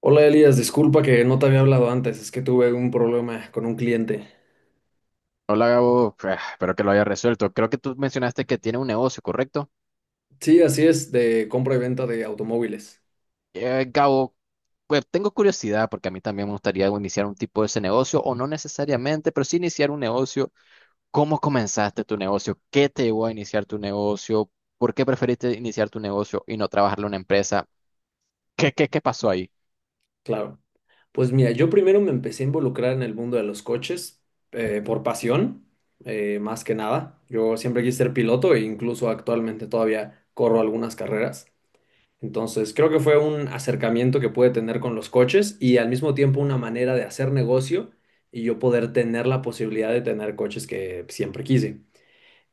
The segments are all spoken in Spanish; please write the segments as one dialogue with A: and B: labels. A: Hola Elías, disculpa que no te había hablado antes, es que tuve un problema con un cliente.
B: Hola Gabo. Ah, espero que lo haya resuelto. Creo que tú mencionaste que tiene un negocio, ¿correcto?
A: Sí, así es, de compra y venta de automóviles,
B: Gabo, pues tengo curiosidad porque a mí también me gustaría, bueno, iniciar un tipo de ese negocio, o no necesariamente, pero sí iniciar un negocio. ¿Cómo comenzaste tu negocio? ¿Qué te llevó a iniciar tu negocio? ¿Por qué preferiste iniciar tu negocio y no trabajarlo en una empresa? ¿Qué pasó ahí?
A: claro. Pues mira, yo primero me empecé a involucrar en el mundo de los coches por pasión, más que nada. Yo siempre quise ser piloto e incluso actualmente todavía corro algunas carreras. Entonces creo que fue un acercamiento que pude tener con los coches y al mismo tiempo una manera de hacer negocio y yo poder tener la posibilidad de tener coches que siempre quise.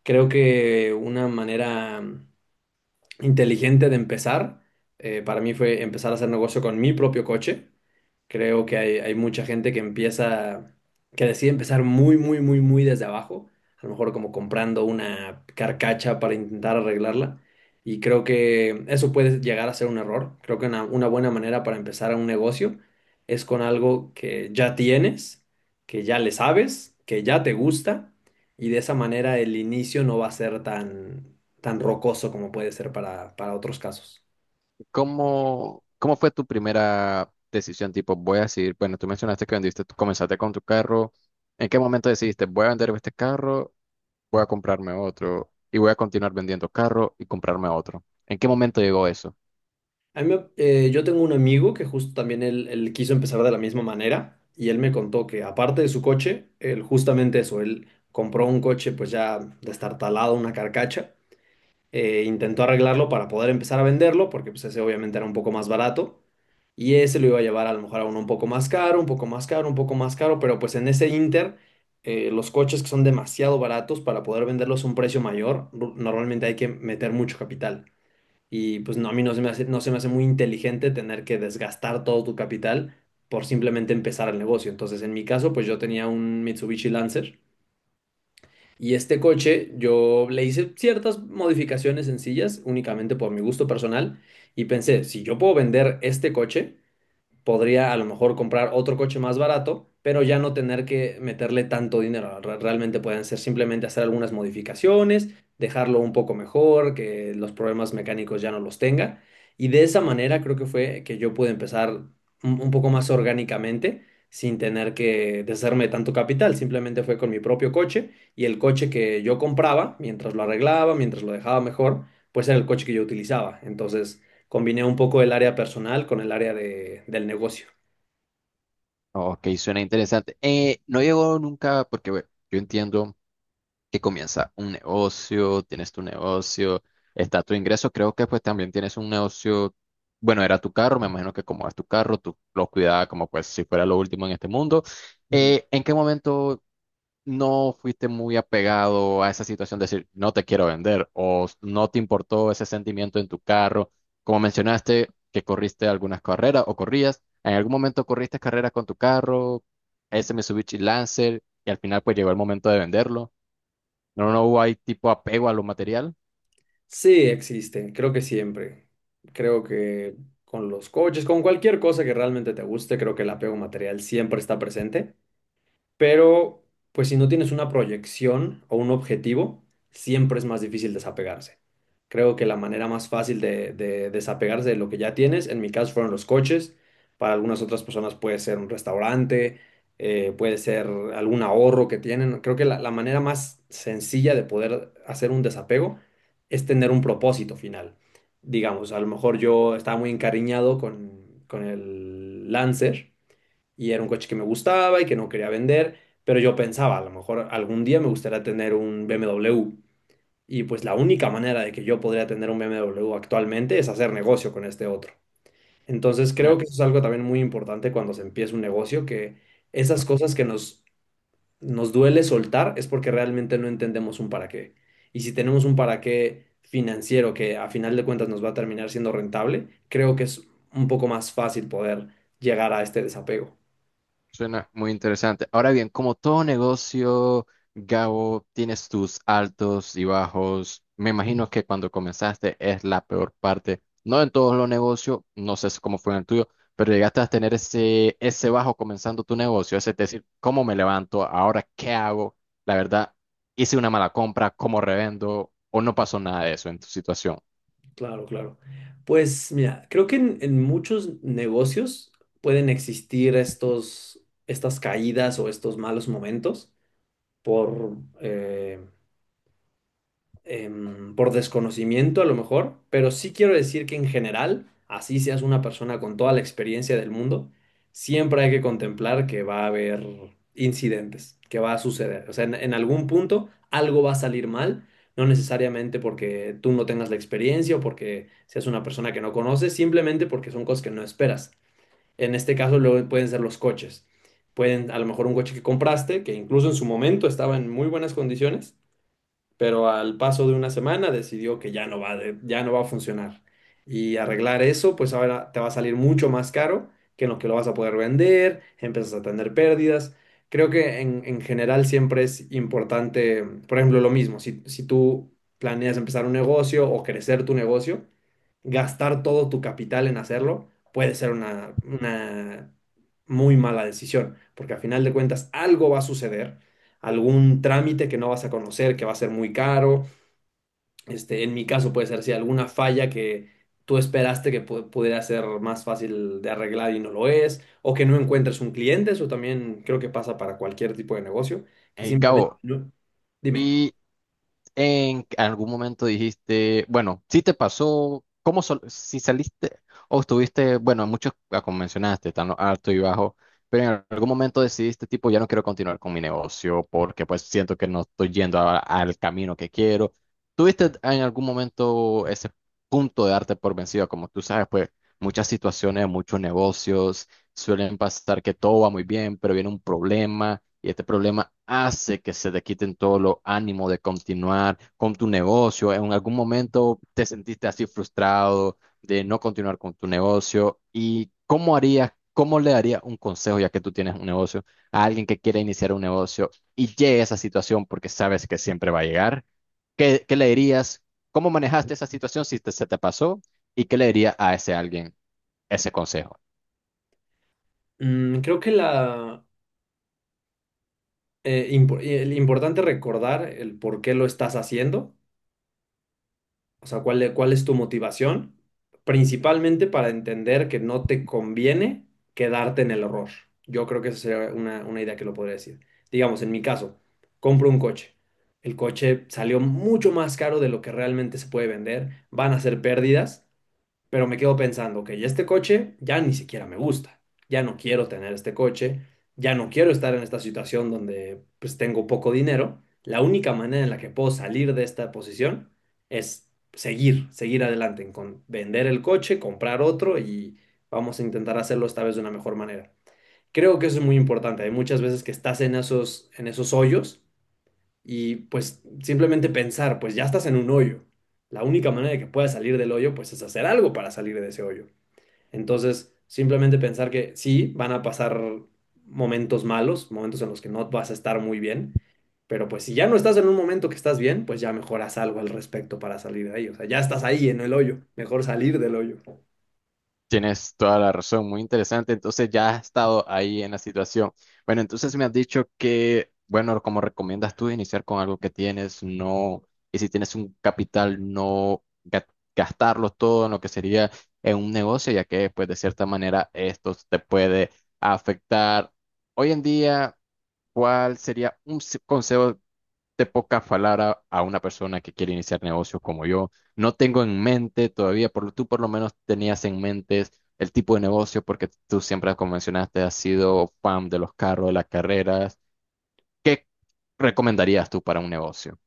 A: Creo que una manera inteligente de empezar. Para mí fue empezar a hacer negocio con mi propio coche. Creo que hay mucha gente que empieza, que decide empezar muy, muy, muy, muy desde abajo. A lo mejor como comprando una carcacha para intentar arreglarla. Y creo que eso puede llegar a ser un error. Creo que una buena manera para empezar un negocio es con algo que ya tienes, que ya le sabes, que ya te gusta. Y de esa manera el inicio no va a ser tan, tan rocoso como puede ser para otros casos.
B: ¿Cómo fue tu primera decisión? Tipo, voy a decir, bueno, tú mencionaste que vendiste, tú comenzaste con tu carro. ¿En qué momento decidiste voy a vender este carro? Voy a comprarme otro y voy a continuar vendiendo carro y comprarme otro. ¿En qué momento llegó eso?
A: Yo tengo un amigo que justo también él quiso empezar de la misma manera y él me contó que aparte de su coche, él justamente eso, él compró un coche pues ya destartalado, una carcacha, intentó arreglarlo para poder empezar a venderlo, porque pues ese obviamente era un poco más barato, y ese lo iba a llevar a lo mejor a uno un poco más caro, un poco más caro, un poco más caro, pero pues en ese inter, los coches que son demasiado baratos para poder venderlos a un precio mayor, normalmente hay que meter mucho capital. Y pues no, a mí no se me hace, no se me hace muy inteligente tener que desgastar todo tu capital por simplemente empezar el negocio. Entonces, en mi caso, pues yo tenía un Mitsubishi Lancer y este coche yo le hice ciertas modificaciones sencillas, únicamente por mi gusto personal, y pensé, si yo puedo vender este coche, podría a lo mejor comprar otro coche más barato, pero ya no tener que meterle tanto dinero. Realmente pueden ser simplemente hacer algunas modificaciones, dejarlo un poco mejor, que los problemas mecánicos ya no los tenga. Y de esa manera creo que fue que yo pude empezar un poco más orgánicamente, sin tener que deshacerme de tanto capital. Simplemente fue con mi propio coche y el coche que yo compraba, mientras lo arreglaba, mientras lo dejaba mejor, pues era el coche que yo utilizaba. Entonces, combiné un poco el área personal con el del negocio.
B: Ok, suena interesante. No llegó nunca porque, bueno, yo entiendo que comienza un negocio, tienes tu negocio, está tu ingreso, creo que pues también tienes un negocio, bueno, era tu carro, me imagino que como es tu carro, tú lo cuidabas como, pues, si fuera lo último en este mundo.
A: Ujú.
B: ¿En qué momento no fuiste muy apegado a esa situación de decir no te quiero vender, o no te importó ese sentimiento en tu carro? Como mencionaste que corriste algunas carreras o corrías, en algún momento corriste carreras con tu carro, ese Mitsubishi Lancer, y al final pues llegó el momento de venderlo. No, no hubo ahí tipo apego a lo material.
A: Sí, existen, creo que siempre. Creo que con los coaches, con cualquier cosa que realmente te guste, creo que el apego material siempre está presente, pero pues si no tienes una proyección o un objetivo, siempre es más difícil desapegarse. Creo que la manera más fácil de desapegarse de lo que ya tienes, en mi caso fueron los coches, para algunas otras personas puede ser un restaurante, puede ser algún ahorro que tienen. Creo que la manera más sencilla de poder hacer un desapego es tener un propósito final. Digamos, a lo mejor yo estaba muy encariñado con el Lancer y era un coche que me gustaba y que no quería vender, pero yo pensaba, a lo mejor algún día me gustaría tener un BMW. Y pues la única manera de que yo podría tener un BMW actualmente es hacer negocio con este otro. Entonces creo que eso es algo también muy importante cuando se empieza un negocio, que esas cosas nos duele soltar es porque realmente no entendemos un para qué. Y si tenemos un para qué financiero que a final de cuentas nos va a terminar siendo rentable, creo que es un poco más fácil poder llegar a este desapego.
B: Suena muy interesante. Ahora bien, como todo negocio, Gabo, tienes tus altos y bajos. Me imagino que cuando comenzaste es la peor parte. No en todos los negocios, no sé cómo fue en el tuyo, pero llegaste a tener ese bajo comenzando tu negocio. Es decir, ¿cómo me levanto? ¿Ahora qué hago? La verdad, hice una mala compra, ¿cómo revendo? ¿O no pasó nada de eso en tu situación?
A: Claro, claro. Pues mira, creo que en muchos negocios pueden existir estas caídas o estos malos momentos por, por desconocimiento a lo mejor, pero sí quiero decir que en general, así seas una persona con toda la experiencia del mundo, siempre hay que contemplar que va a haber incidentes, que va a suceder. O sea, en algún punto algo va a salir mal, no necesariamente porque tú no tengas la experiencia o porque seas una persona que no conoces, simplemente porque son cosas que no esperas. En este caso, luego pueden ser los coches. Pueden, a lo mejor un coche que compraste, que incluso en su momento estaba en muy buenas condiciones pero al paso de una semana decidió que ya no va a funcionar. Y arreglar eso, pues ahora te va a salir mucho más caro que en lo que lo vas a poder vender, empiezas a tener pérdidas. Creo que en general siempre es importante, por ejemplo, lo mismo, si tú planeas empezar un negocio o crecer tu negocio, gastar todo tu capital en hacerlo puede ser una muy mala decisión, porque al final de cuentas algo va a suceder algún trámite que no vas a conocer, que va a ser muy caro. Este, en mi caso puede ser si alguna falla que tú esperaste que pudiera ser más fácil de arreglar y no lo es, o que no encuentres un cliente, eso también creo que pasa para cualquier tipo de negocio, que simplemente
B: Gabo,
A: no. Dime.
B: y en algún momento dijiste, bueno, si te pasó, ¿cómo si saliste o estuviste, bueno, muchos, como mencionaste, están alto y bajo, pero en algún momento decidiste, tipo, ya no quiero continuar con mi negocio porque pues siento que no estoy yendo al camino que quiero? ¿Tuviste en algún momento ese punto de darte por vencido? Como tú sabes, pues muchas situaciones, muchos negocios suelen pasar que todo va muy bien, pero viene un problema y este problema hace que se te quiten todos los ánimos de continuar con tu negocio. ¿En algún momento te sentiste así frustrado de no continuar con tu negocio? ¿Y cómo harías, cómo le darías un consejo, ya que tú tienes un negocio, a alguien que quiere iniciar un negocio y llegue a esa situación porque sabes que siempre va a llegar? ¿Qué le dirías? ¿Cómo manejaste esa situación si se te pasó? ¿Y qué le dirías a ese alguien, ese consejo?
A: Mm, creo que el importante recordar el por qué lo estás haciendo. O sea, cuál es tu motivación? Principalmente para entender que no te conviene quedarte en el error. Yo creo que esa sería una idea que lo podría decir. Digamos, en mi caso, compro un coche. El coche salió mucho más caro de lo que realmente se puede vender. Van a ser pérdidas. Pero me quedo pensando, ok, este coche ya ni siquiera me gusta, ya no quiero tener este coche, ya no quiero estar en esta situación donde pues tengo poco dinero. La única manera en la que puedo salir de esta posición es seguir adelante, con vender el coche, comprar otro y vamos a intentar hacerlo esta vez de una mejor manera. Creo que eso es muy importante. Hay muchas veces que estás en esos hoyos y pues simplemente pensar, pues ya estás en un hoyo. La única manera de que puedas salir del hoyo, pues es hacer algo para salir de ese hoyo. Entonces, simplemente pensar que sí, van a pasar momentos malos, momentos en los que no vas a estar muy bien, pero pues si ya no estás en un momento que estás bien, pues ya mejor haz algo al respecto para salir de ahí. O sea, ya estás ahí en el hoyo, mejor salir del hoyo.
B: Tienes toda la razón, muy interesante. Entonces ya has estado ahí en la situación. Bueno, entonces me has dicho que, bueno, como recomiendas tú iniciar con algo que tienes, no, y si tienes un capital, no gastarlo todo en lo que sería en un negocio, ya que pues de cierta manera esto te puede afectar. Hoy en día, ¿cuál sería un consejo te poca falar a una persona que quiere iniciar negocios como yo? No tengo en mente todavía, por, tú por lo menos tenías en mente el tipo de negocio, porque tú siempre, como mencionaste, has sido fan de los carros, de las carreras. ¿Qué recomendarías tú para un negocio?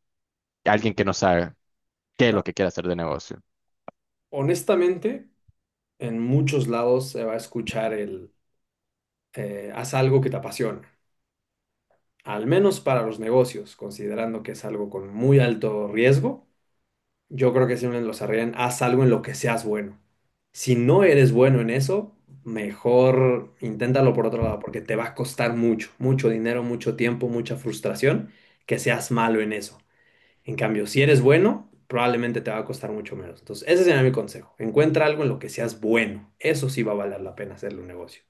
B: Alguien que no sabe qué es lo
A: Claro.
B: que quiere hacer de negocio.
A: Honestamente, en muchos lados se va a escuchar el haz algo que te apasiona. Al menos para los negocios, considerando que es algo con muy alto riesgo, yo creo que siempre los arriesgan, haz algo en lo que seas bueno. Si no eres bueno en eso, mejor inténtalo por otro lado, porque te va a costar mucho, mucho dinero, mucho tiempo, mucha frustración que seas malo en eso. En cambio, si eres bueno, probablemente te va a costar mucho menos. Entonces, ese sería mi consejo. Encuentra algo en lo que seas bueno. Eso sí va a valer la pena hacerle un negocio.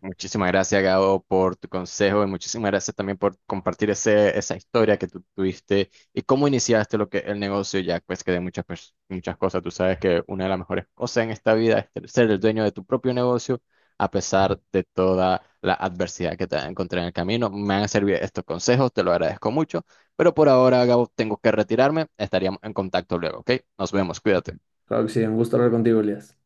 B: Muchísimas gracias, Gabo, por tu consejo, y muchísimas gracias también por compartir esa historia que tú tuviste y cómo iniciaste lo que el negocio ya, pues que de muchas, muchas cosas, tú sabes que una de las mejores cosas en esta vida es ser el dueño de tu propio negocio a pesar de toda la adversidad que te encontré en el camino. Me han servido estos consejos, te lo agradezco mucho, pero por ahora, Gabo, tengo que retirarme. Estaríamos en contacto luego, ¿ok? Nos vemos, cuídate.
A: Claro que sí, un gusto hablar contigo, Elías.